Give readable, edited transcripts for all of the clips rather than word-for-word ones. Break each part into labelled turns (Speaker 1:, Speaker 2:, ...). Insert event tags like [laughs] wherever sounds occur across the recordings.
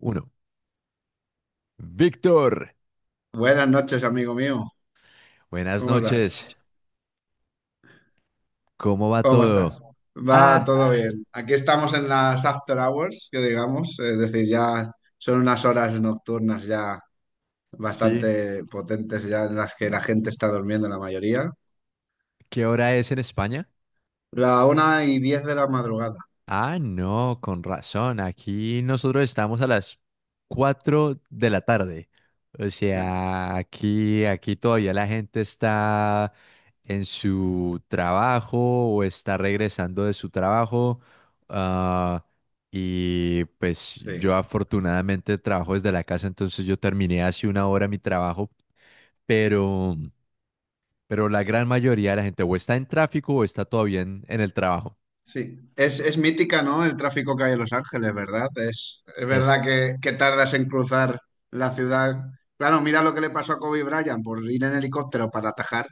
Speaker 1: Uno. Víctor,
Speaker 2: Buenas noches, amigo mío.
Speaker 1: buenas
Speaker 2: ¿Cómo estás?
Speaker 1: noches. ¿Cómo va
Speaker 2: ¿Cómo estás?
Speaker 1: todo?
Speaker 2: Va
Speaker 1: Ah,
Speaker 2: todo bien. Aquí estamos en las after hours, que digamos, es decir, ya son unas horas nocturnas ya
Speaker 1: sí.
Speaker 2: bastante potentes, ya en las que la gente está durmiendo la mayoría.
Speaker 1: ¿Qué hora es en España?
Speaker 2: La 1:10 de la madrugada.
Speaker 1: Ah, no, con razón. Aquí nosotros estamos a las 4 de la tarde. O
Speaker 2: Claro,
Speaker 1: sea, aquí todavía la gente está en su trabajo o está regresando de su trabajo. Ah, y pues yo
Speaker 2: sí,
Speaker 1: afortunadamente trabajo desde la casa, entonces yo terminé hace una hora mi trabajo, pero, pero la gran mayoría de la gente o está en tráfico o está todavía en el trabajo.
Speaker 2: sí. Es mítica, ¿no? El tráfico que hay en Los Ángeles, ¿verdad? Es
Speaker 1: Es,
Speaker 2: verdad que tardas en cruzar la ciudad. Claro, mira lo que le pasó a Kobe Bryant por ir en helicóptero para atajar.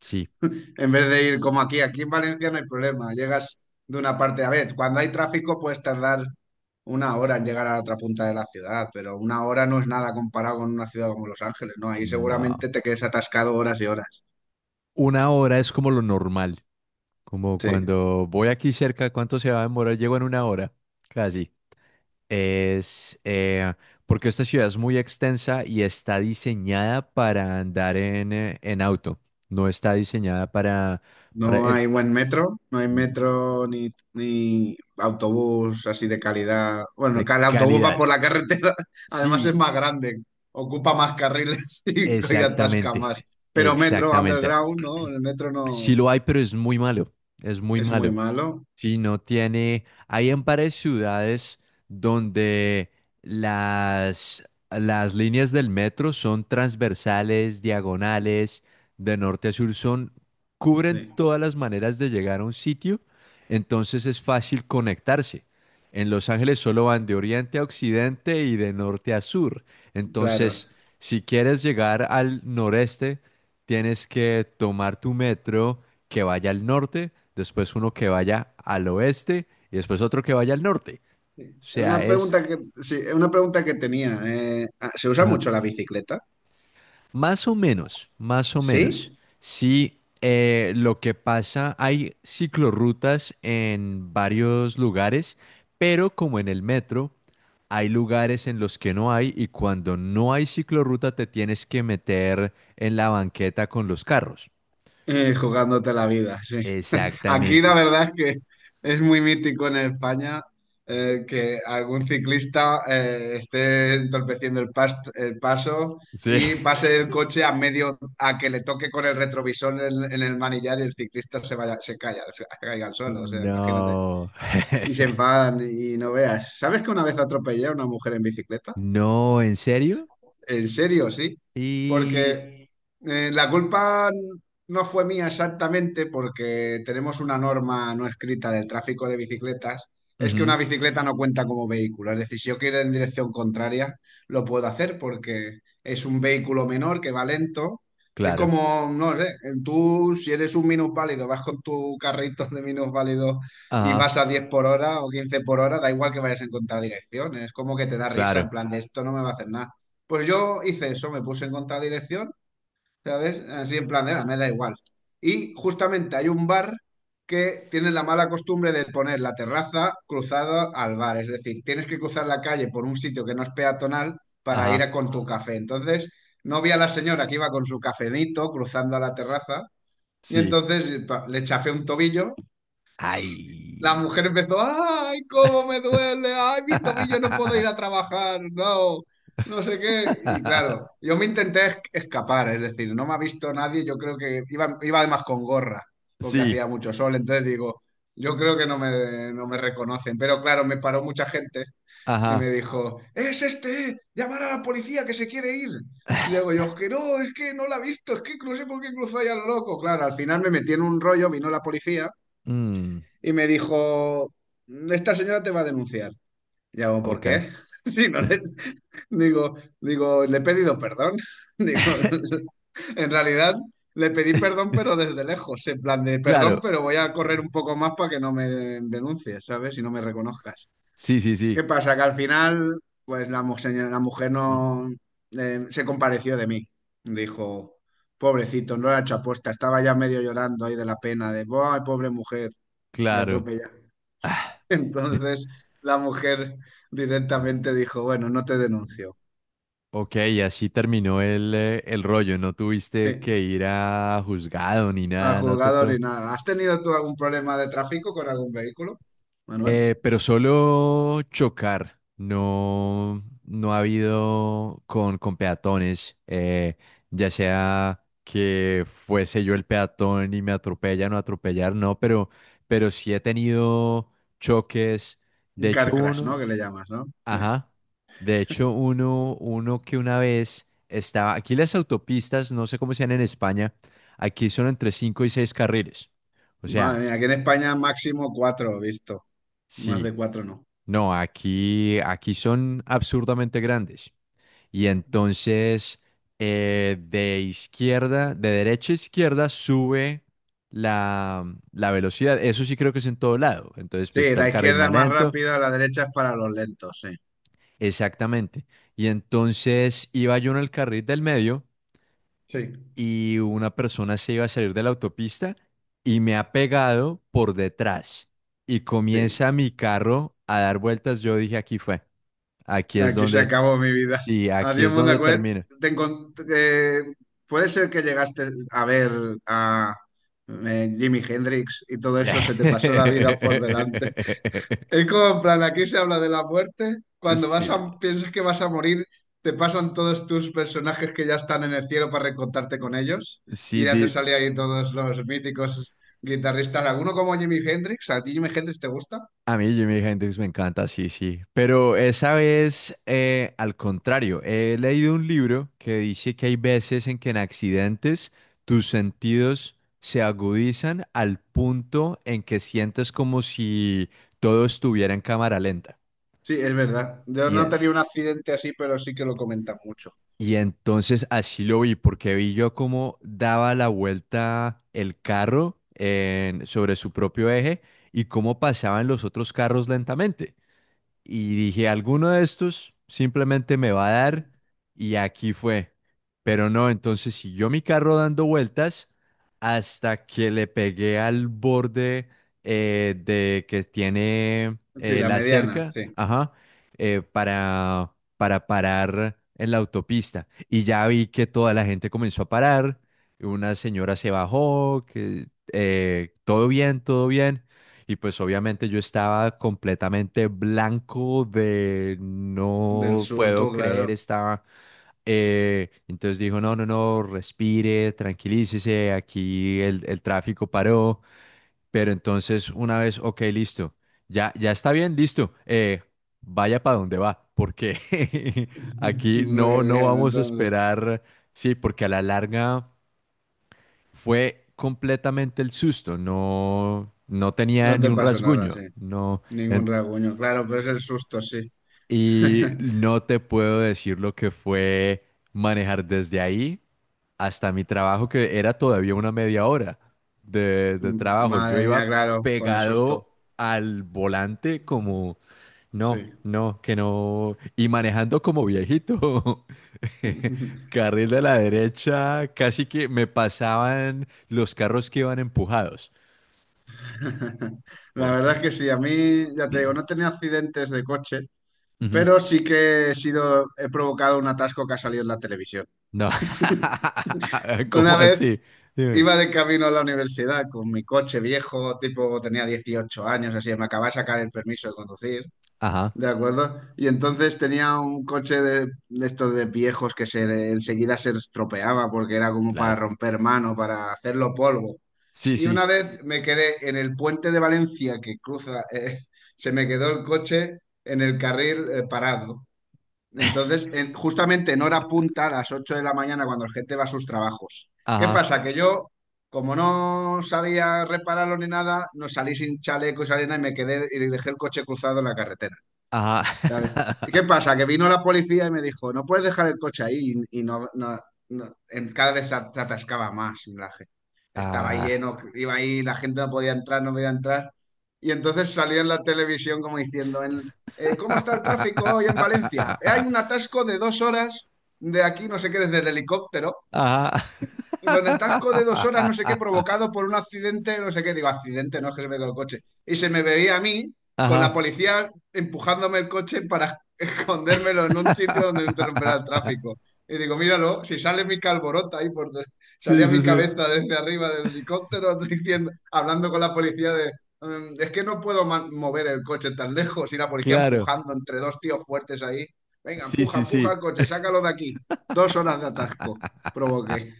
Speaker 1: sí,
Speaker 2: En vez de ir como aquí, en Valencia no hay problema, llegas de una parte, a ver, cuando hay tráfico puedes tardar una hora en llegar a la otra punta de la ciudad, pero una hora no es nada comparado con una ciudad como Los Ángeles, ¿no? Ahí
Speaker 1: no.
Speaker 2: seguramente te quedes atascado horas y horas.
Speaker 1: Una hora es como lo normal, como
Speaker 2: Sí,
Speaker 1: cuando voy aquí cerca, ¿cuánto se va a demorar? Llego en una hora, casi. Es, porque esta ciudad es muy extensa y está diseñada para andar en auto, no está diseñada para
Speaker 2: no
Speaker 1: el
Speaker 2: hay buen metro, no hay metro ni autobús así de calidad. Bueno,
Speaker 1: de
Speaker 2: que el autobús va
Speaker 1: calidad.
Speaker 2: por la carretera, [laughs] además
Speaker 1: Sí,
Speaker 2: es más grande, ocupa más carriles [laughs] y atasca
Speaker 1: exactamente,
Speaker 2: más. Pero metro,
Speaker 1: exactamente.
Speaker 2: underground, ¿no? El metro
Speaker 1: Sí
Speaker 2: no
Speaker 1: lo hay, pero es muy malo, es muy
Speaker 2: es muy
Speaker 1: malo.
Speaker 2: malo.
Speaker 1: Sí, no tiene. Hay en varias ciudades donde las, las líneas del metro son transversales, diagonales, de norte a sur, cubren
Speaker 2: Sí,
Speaker 1: todas las maneras de llegar a un sitio, entonces es fácil conectarse. En Los Ángeles solo van de oriente a occidente y de norte a sur.
Speaker 2: claro.
Speaker 1: Entonces, si quieres llegar al noreste, tienes que tomar tu metro que vaya al norte, después uno que vaya al oeste y después otro que vaya al norte. O
Speaker 2: Una
Speaker 1: sea, es
Speaker 2: pregunta que, sí, una pregunta que tenía. ¿Se usa
Speaker 1: ajá,
Speaker 2: mucho la bicicleta?
Speaker 1: más o menos, más o menos.
Speaker 2: Sí.
Speaker 1: Sí, lo que pasa, hay ciclorrutas en varios lugares, pero como en el metro, hay lugares en los que no hay y cuando no hay ciclorruta te tienes que meter en la banqueta con los carros.
Speaker 2: Jugándote la vida, sí. [laughs] Aquí la
Speaker 1: Exactamente.
Speaker 2: verdad es que es muy mítico en España que algún ciclista esté entorpeciendo el, el paso
Speaker 1: Sí.
Speaker 2: y pase el coche a medio, a que le toque con el retrovisor en el manillar y el ciclista se vaya, se calla, se caiga al suelo, o sea, imagínate.
Speaker 1: No. [laughs]
Speaker 2: Y se enfadan y no veas. ¿Sabes que una vez atropellé a una mujer en bicicleta?
Speaker 1: No, ¿en serio?
Speaker 2: En serio, sí.
Speaker 1: Y...
Speaker 2: Porque la culpa no fue mía exactamente porque tenemos una norma no escrita del tráfico de bicicletas. Es que
Speaker 1: Ujú,
Speaker 2: una bicicleta no cuenta como vehículo. Es decir, si yo quiero ir en dirección contraria, lo puedo hacer porque es un vehículo menor que va lento. Es
Speaker 1: claro.
Speaker 2: como, no sé, tú si eres un minusválido, vas con tu carrito de minusválido y vas
Speaker 1: Ajá,
Speaker 2: a 10 por hora o 15 por hora, da igual que vayas en contradirección. Es como que te da risa,
Speaker 1: claro.
Speaker 2: en plan de esto no me va a hacer nada. Pues yo hice eso, me puse en contradirección, ¿sabes? Así en plan de, "Ah, me da igual". Y justamente hay un bar que tiene la mala costumbre de poner la terraza cruzada al bar, es decir, tienes que cruzar la calle por un sitio que no es peatonal para ir a
Speaker 1: Ajá,
Speaker 2: con tu café. Entonces, no vi a la señora que iba con su cafenito cruzando a la terraza y
Speaker 1: sí.
Speaker 2: entonces le chafé un tobillo. La
Speaker 1: Ay.
Speaker 2: mujer empezó, ay, cómo me duele, ay, mis tobillos no puedo
Speaker 1: [laughs]
Speaker 2: ir a trabajar, no, no sé qué. Y claro, yo me intenté escapar, es decir, no me ha visto nadie, yo creo que iba además con gorra, porque
Speaker 1: Sí.
Speaker 2: hacía mucho sol, entonces digo, yo creo que no me reconocen, pero claro, me paró mucha gente y me
Speaker 1: Ajá.
Speaker 2: dijo, es este, llamar a la policía que se quiere ir. Digo yo, que no, es que no la ha visto, es que no sé por qué cruzó ahí a lo loco. Claro, al final me metí en un rollo, vino la policía
Speaker 1: Mm,
Speaker 2: y me dijo, esta señora te va a denunciar. Y hago, ¿por
Speaker 1: ok.
Speaker 2: qué? [laughs] Si no le- digo, le he pedido perdón. [laughs] Digo,
Speaker 1: [laughs]
Speaker 2: en realidad le pedí perdón, pero desde lejos, en plan de perdón,
Speaker 1: Claro.
Speaker 2: pero voy a correr un poco más para que no me denuncies, ¿sabes? Y no me reconozcas.
Speaker 1: Sí, sí,
Speaker 2: ¿Qué
Speaker 1: sí.
Speaker 2: pasa? Que al final, pues la, la mujer
Speaker 1: Mm,
Speaker 2: no se compareció de mí. Dijo, pobrecito, no lo ha hecho aposta, estaba ya medio llorando ahí de la pena, de, ¡ay, pobre mujer! Le
Speaker 1: claro.
Speaker 2: atropella. [laughs] Entonces la mujer directamente dijo, bueno, no te denuncio.
Speaker 1: Ok, y así terminó el rollo. No tuviste
Speaker 2: Sí,
Speaker 1: que ir a juzgado ni
Speaker 2: al
Speaker 1: nada, ¿no,
Speaker 2: juzgador ni
Speaker 1: Toto?
Speaker 2: nada. ¿Has tenido tú algún problema de tráfico con algún vehículo, Manuel?
Speaker 1: Pero solo chocar, no, no ha habido con peatones, ya sea que fuese yo el peatón y me atropellan o atropellar, no, pero sí he tenido choques. De
Speaker 2: Un car
Speaker 1: hecho,
Speaker 2: crash, ¿no?
Speaker 1: uno,
Speaker 2: Que le llamas, ¿no? Sí.
Speaker 1: ajá, de hecho, uno que una vez aquí las autopistas, no sé cómo sean en España, aquí son entre 5 y 6 carriles. O
Speaker 2: Madre
Speaker 1: sea,
Speaker 2: mía, aquí en España máximo cuatro, he visto. Más de
Speaker 1: sí.
Speaker 2: cuatro no.
Speaker 1: No, aquí son absurdamente grandes. Y entonces, de derecha a izquierda, sube la, la velocidad. Eso sí creo que es en todo lado. Entonces, pues
Speaker 2: Sí,
Speaker 1: está
Speaker 2: la
Speaker 1: el carril
Speaker 2: izquierda es
Speaker 1: más
Speaker 2: más
Speaker 1: lento.
Speaker 2: rápida, la derecha es para los lentos, sí.
Speaker 1: Exactamente. Y entonces iba yo en el carril del medio
Speaker 2: Sí,
Speaker 1: y una persona se iba a salir de la autopista y me ha pegado por detrás. Y comienza
Speaker 2: sí.
Speaker 1: mi carro a dar vueltas. Yo dije, aquí fue. Aquí es
Speaker 2: Aquí se
Speaker 1: donde...
Speaker 2: acabó mi vida.
Speaker 1: Sí, aquí
Speaker 2: Adiós,
Speaker 1: es
Speaker 2: mundo.
Speaker 1: donde
Speaker 2: Acuérdate,
Speaker 1: termina.
Speaker 2: Te encon- eh, puede ser que llegaste a ver a Jimi Hendrix y todo eso se te pasó la vida por delante. Es
Speaker 1: [laughs]
Speaker 2: como en plan, aquí se habla de la muerte. Cuando
Speaker 1: Sí,
Speaker 2: vas a, piensas que vas a morir, te pasan todos tus personajes que ya están en el cielo para recontarte con ellos. Y
Speaker 1: sí,
Speaker 2: ya te sale ahí todos los míticos guitarristas. ¿Alguno como Jimi Hendrix? ¿A ti Jimi Hendrix te gusta?
Speaker 1: a mí Jimi Hendrix me encanta, sí, sí. Pero esa vez, al contrario, he leído un libro que dice que hay veces en que en accidentes tus sentidos se agudizan al punto en que sientes como si todo estuviera en cámara lenta.
Speaker 2: Sí, es verdad. Yo no tenía un accidente así, pero sí que lo comentan mucho.
Speaker 1: Y entonces así lo vi, porque vi yo cómo daba la vuelta el carro sobre su propio eje y cómo pasaban los otros carros lentamente y dije, alguno de estos simplemente me va a dar y aquí fue. Pero no, entonces siguió mi carro dando vueltas hasta que le pegué al borde de que tiene
Speaker 2: Sí, la
Speaker 1: la
Speaker 2: mediana,
Speaker 1: cerca,
Speaker 2: sí.
Speaker 1: ajá, para, parar en la autopista. Y ya vi que toda la gente comenzó a parar, una señora se bajó, que todo bien, todo bien. Y pues obviamente yo estaba completamente blanco de
Speaker 2: Del
Speaker 1: no puedo
Speaker 2: susto,
Speaker 1: creer,
Speaker 2: claro.
Speaker 1: entonces dijo, no, no, no, respire, tranquilícese, aquí el tráfico paró. Pero entonces una vez, ok, listo, ya, ya está bien, listo, vaya para donde va, porque [laughs]
Speaker 2: [laughs]
Speaker 1: aquí no,
Speaker 2: Muy
Speaker 1: no
Speaker 2: bien,
Speaker 1: vamos a
Speaker 2: entonces.
Speaker 1: esperar, sí, porque a la larga fue completamente el susto, no, no tenía
Speaker 2: No
Speaker 1: ni
Speaker 2: te
Speaker 1: un
Speaker 2: pasó nada, sí.
Speaker 1: rasguño, no,
Speaker 2: Ningún
Speaker 1: en-
Speaker 2: rasguño. Claro, pero es el susto, sí.
Speaker 1: y
Speaker 2: [laughs]
Speaker 1: no te puedo decir lo que fue manejar desde ahí hasta mi trabajo, que era todavía una media hora de trabajo. Yo
Speaker 2: Madre mía,
Speaker 1: iba
Speaker 2: claro, con el susto.
Speaker 1: pegado al volante como, no,
Speaker 2: Sí.
Speaker 1: no, que no, y manejando como viejito. [laughs]
Speaker 2: [laughs]
Speaker 1: Carril de la derecha, casi que me pasaban los carros que iban empujados.
Speaker 2: La verdad es
Speaker 1: Porque.
Speaker 2: que sí, a mí, ya te digo, no he tenido accidentes de coche,
Speaker 1: Ujú.
Speaker 2: pero sí que he sido, he provocado un atasco que ha salido en la televisión.
Speaker 1: No. [laughs] ¿Cómo
Speaker 2: Una vez
Speaker 1: así? Dime.
Speaker 2: iba de camino a la universidad con mi coche viejo, tipo tenía 18 años, así, me acababa de sacar el permiso de conducir.
Speaker 1: Ajá,
Speaker 2: De acuerdo. Y entonces tenía un coche de estos de viejos que se enseguida se estropeaba porque era como para
Speaker 1: claro.
Speaker 2: romper mano, para hacerlo polvo.
Speaker 1: Sí,
Speaker 2: Y
Speaker 1: sí.
Speaker 2: una vez me quedé en el puente de Valencia que cruza, [laughs] se me quedó el coche en el carril parado. Entonces, justamente en hora punta, a las 8:00 de la mañana, cuando la gente va a sus trabajos. ¿Qué
Speaker 1: Ajá,
Speaker 2: pasa? Que yo, como no sabía repararlo ni nada, no salí sin chaleco y sin nada y me quedé y dejé el coche cruzado en la carretera. ¿Sabes?
Speaker 1: ajá.
Speaker 2: ¿Y qué
Speaker 1: [laughs]
Speaker 2: pasa? Que vino la policía y me dijo, no puedes dejar el coche ahí y no, cada vez se se atascaba más la estaba
Speaker 1: Ah.
Speaker 2: lleno, iba ahí, la gente no podía entrar, no podía entrar. Y entonces salió en la televisión como diciendo, ¿cómo está el tráfico hoy en Valencia? Hay
Speaker 1: [laughs]
Speaker 2: un atasco de 2 horas de aquí, no sé qué, desde el helicóptero".
Speaker 1: Ajá.
Speaker 2: Y bueno, atasco de dos horas, no sé qué,
Speaker 1: [laughs]
Speaker 2: provocado por un accidente, no sé qué, digo, accidente, no es que se me quedó el coche. Y se me veía a mí con la
Speaker 1: Ajá.
Speaker 2: policía empujándome el coche para [laughs] escondérmelo en un sitio donde no interrumpiera el
Speaker 1: [laughs]
Speaker 2: tráfico. Y digo, míralo, si sale mi calborota ahí,
Speaker 1: Sí,
Speaker 2: salía mi
Speaker 1: sí, sí.
Speaker 2: cabeza desde arriba del helicóptero [laughs] diciendo, hablando con la policía de, es que no puedo mover el coche tan lejos", y la policía
Speaker 1: Claro.
Speaker 2: empujando entre dos tíos fuertes ahí. Venga,
Speaker 1: Sí,
Speaker 2: empuja,
Speaker 1: sí,
Speaker 2: empuja
Speaker 1: sí.
Speaker 2: el coche, sácalo de aquí. Dos horas de atasco provoqué.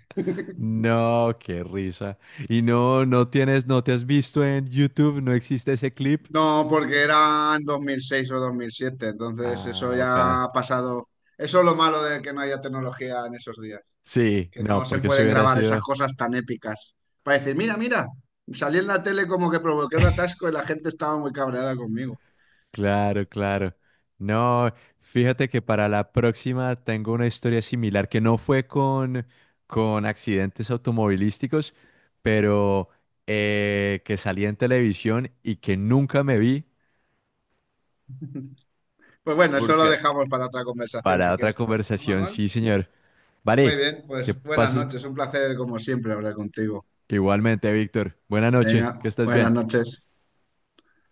Speaker 1: No, qué risa. Y no, no tienes, no te has visto en YouTube, no existe ese clip.
Speaker 2: No, porque eran 2006 o 2007, entonces eso
Speaker 1: Ah, ok.
Speaker 2: ya ha pasado. Eso es lo malo de que no haya tecnología en esos días,
Speaker 1: Sí,
Speaker 2: que no
Speaker 1: no,
Speaker 2: se
Speaker 1: porque eso
Speaker 2: pueden
Speaker 1: hubiera
Speaker 2: grabar esas
Speaker 1: sido.
Speaker 2: cosas tan épicas. Para decir, mira, mira, salí en la tele como que provoqué un atasco y la gente estaba muy cabreada conmigo.
Speaker 1: Claro, claro. No, fíjate que para la próxima tengo una historia similar que no fue con accidentes automovilísticos, pero que salí en televisión y que nunca me vi,
Speaker 2: Pues bueno, eso lo
Speaker 1: porque
Speaker 2: dejamos para otra conversación
Speaker 1: para
Speaker 2: si
Speaker 1: otra
Speaker 2: quieres, entonces, ¿no,
Speaker 1: conversación,
Speaker 2: Manuel?
Speaker 1: sí, señor.
Speaker 2: Muy
Speaker 1: Vale,
Speaker 2: bien,
Speaker 1: que
Speaker 2: pues buenas
Speaker 1: pases
Speaker 2: noches, un placer como siempre hablar contigo.
Speaker 1: igualmente, Víctor. Buena noche,
Speaker 2: Venga,
Speaker 1: que estés
Speaker 2: buenas
Speaker 1: bien.
Speaker 2: noches.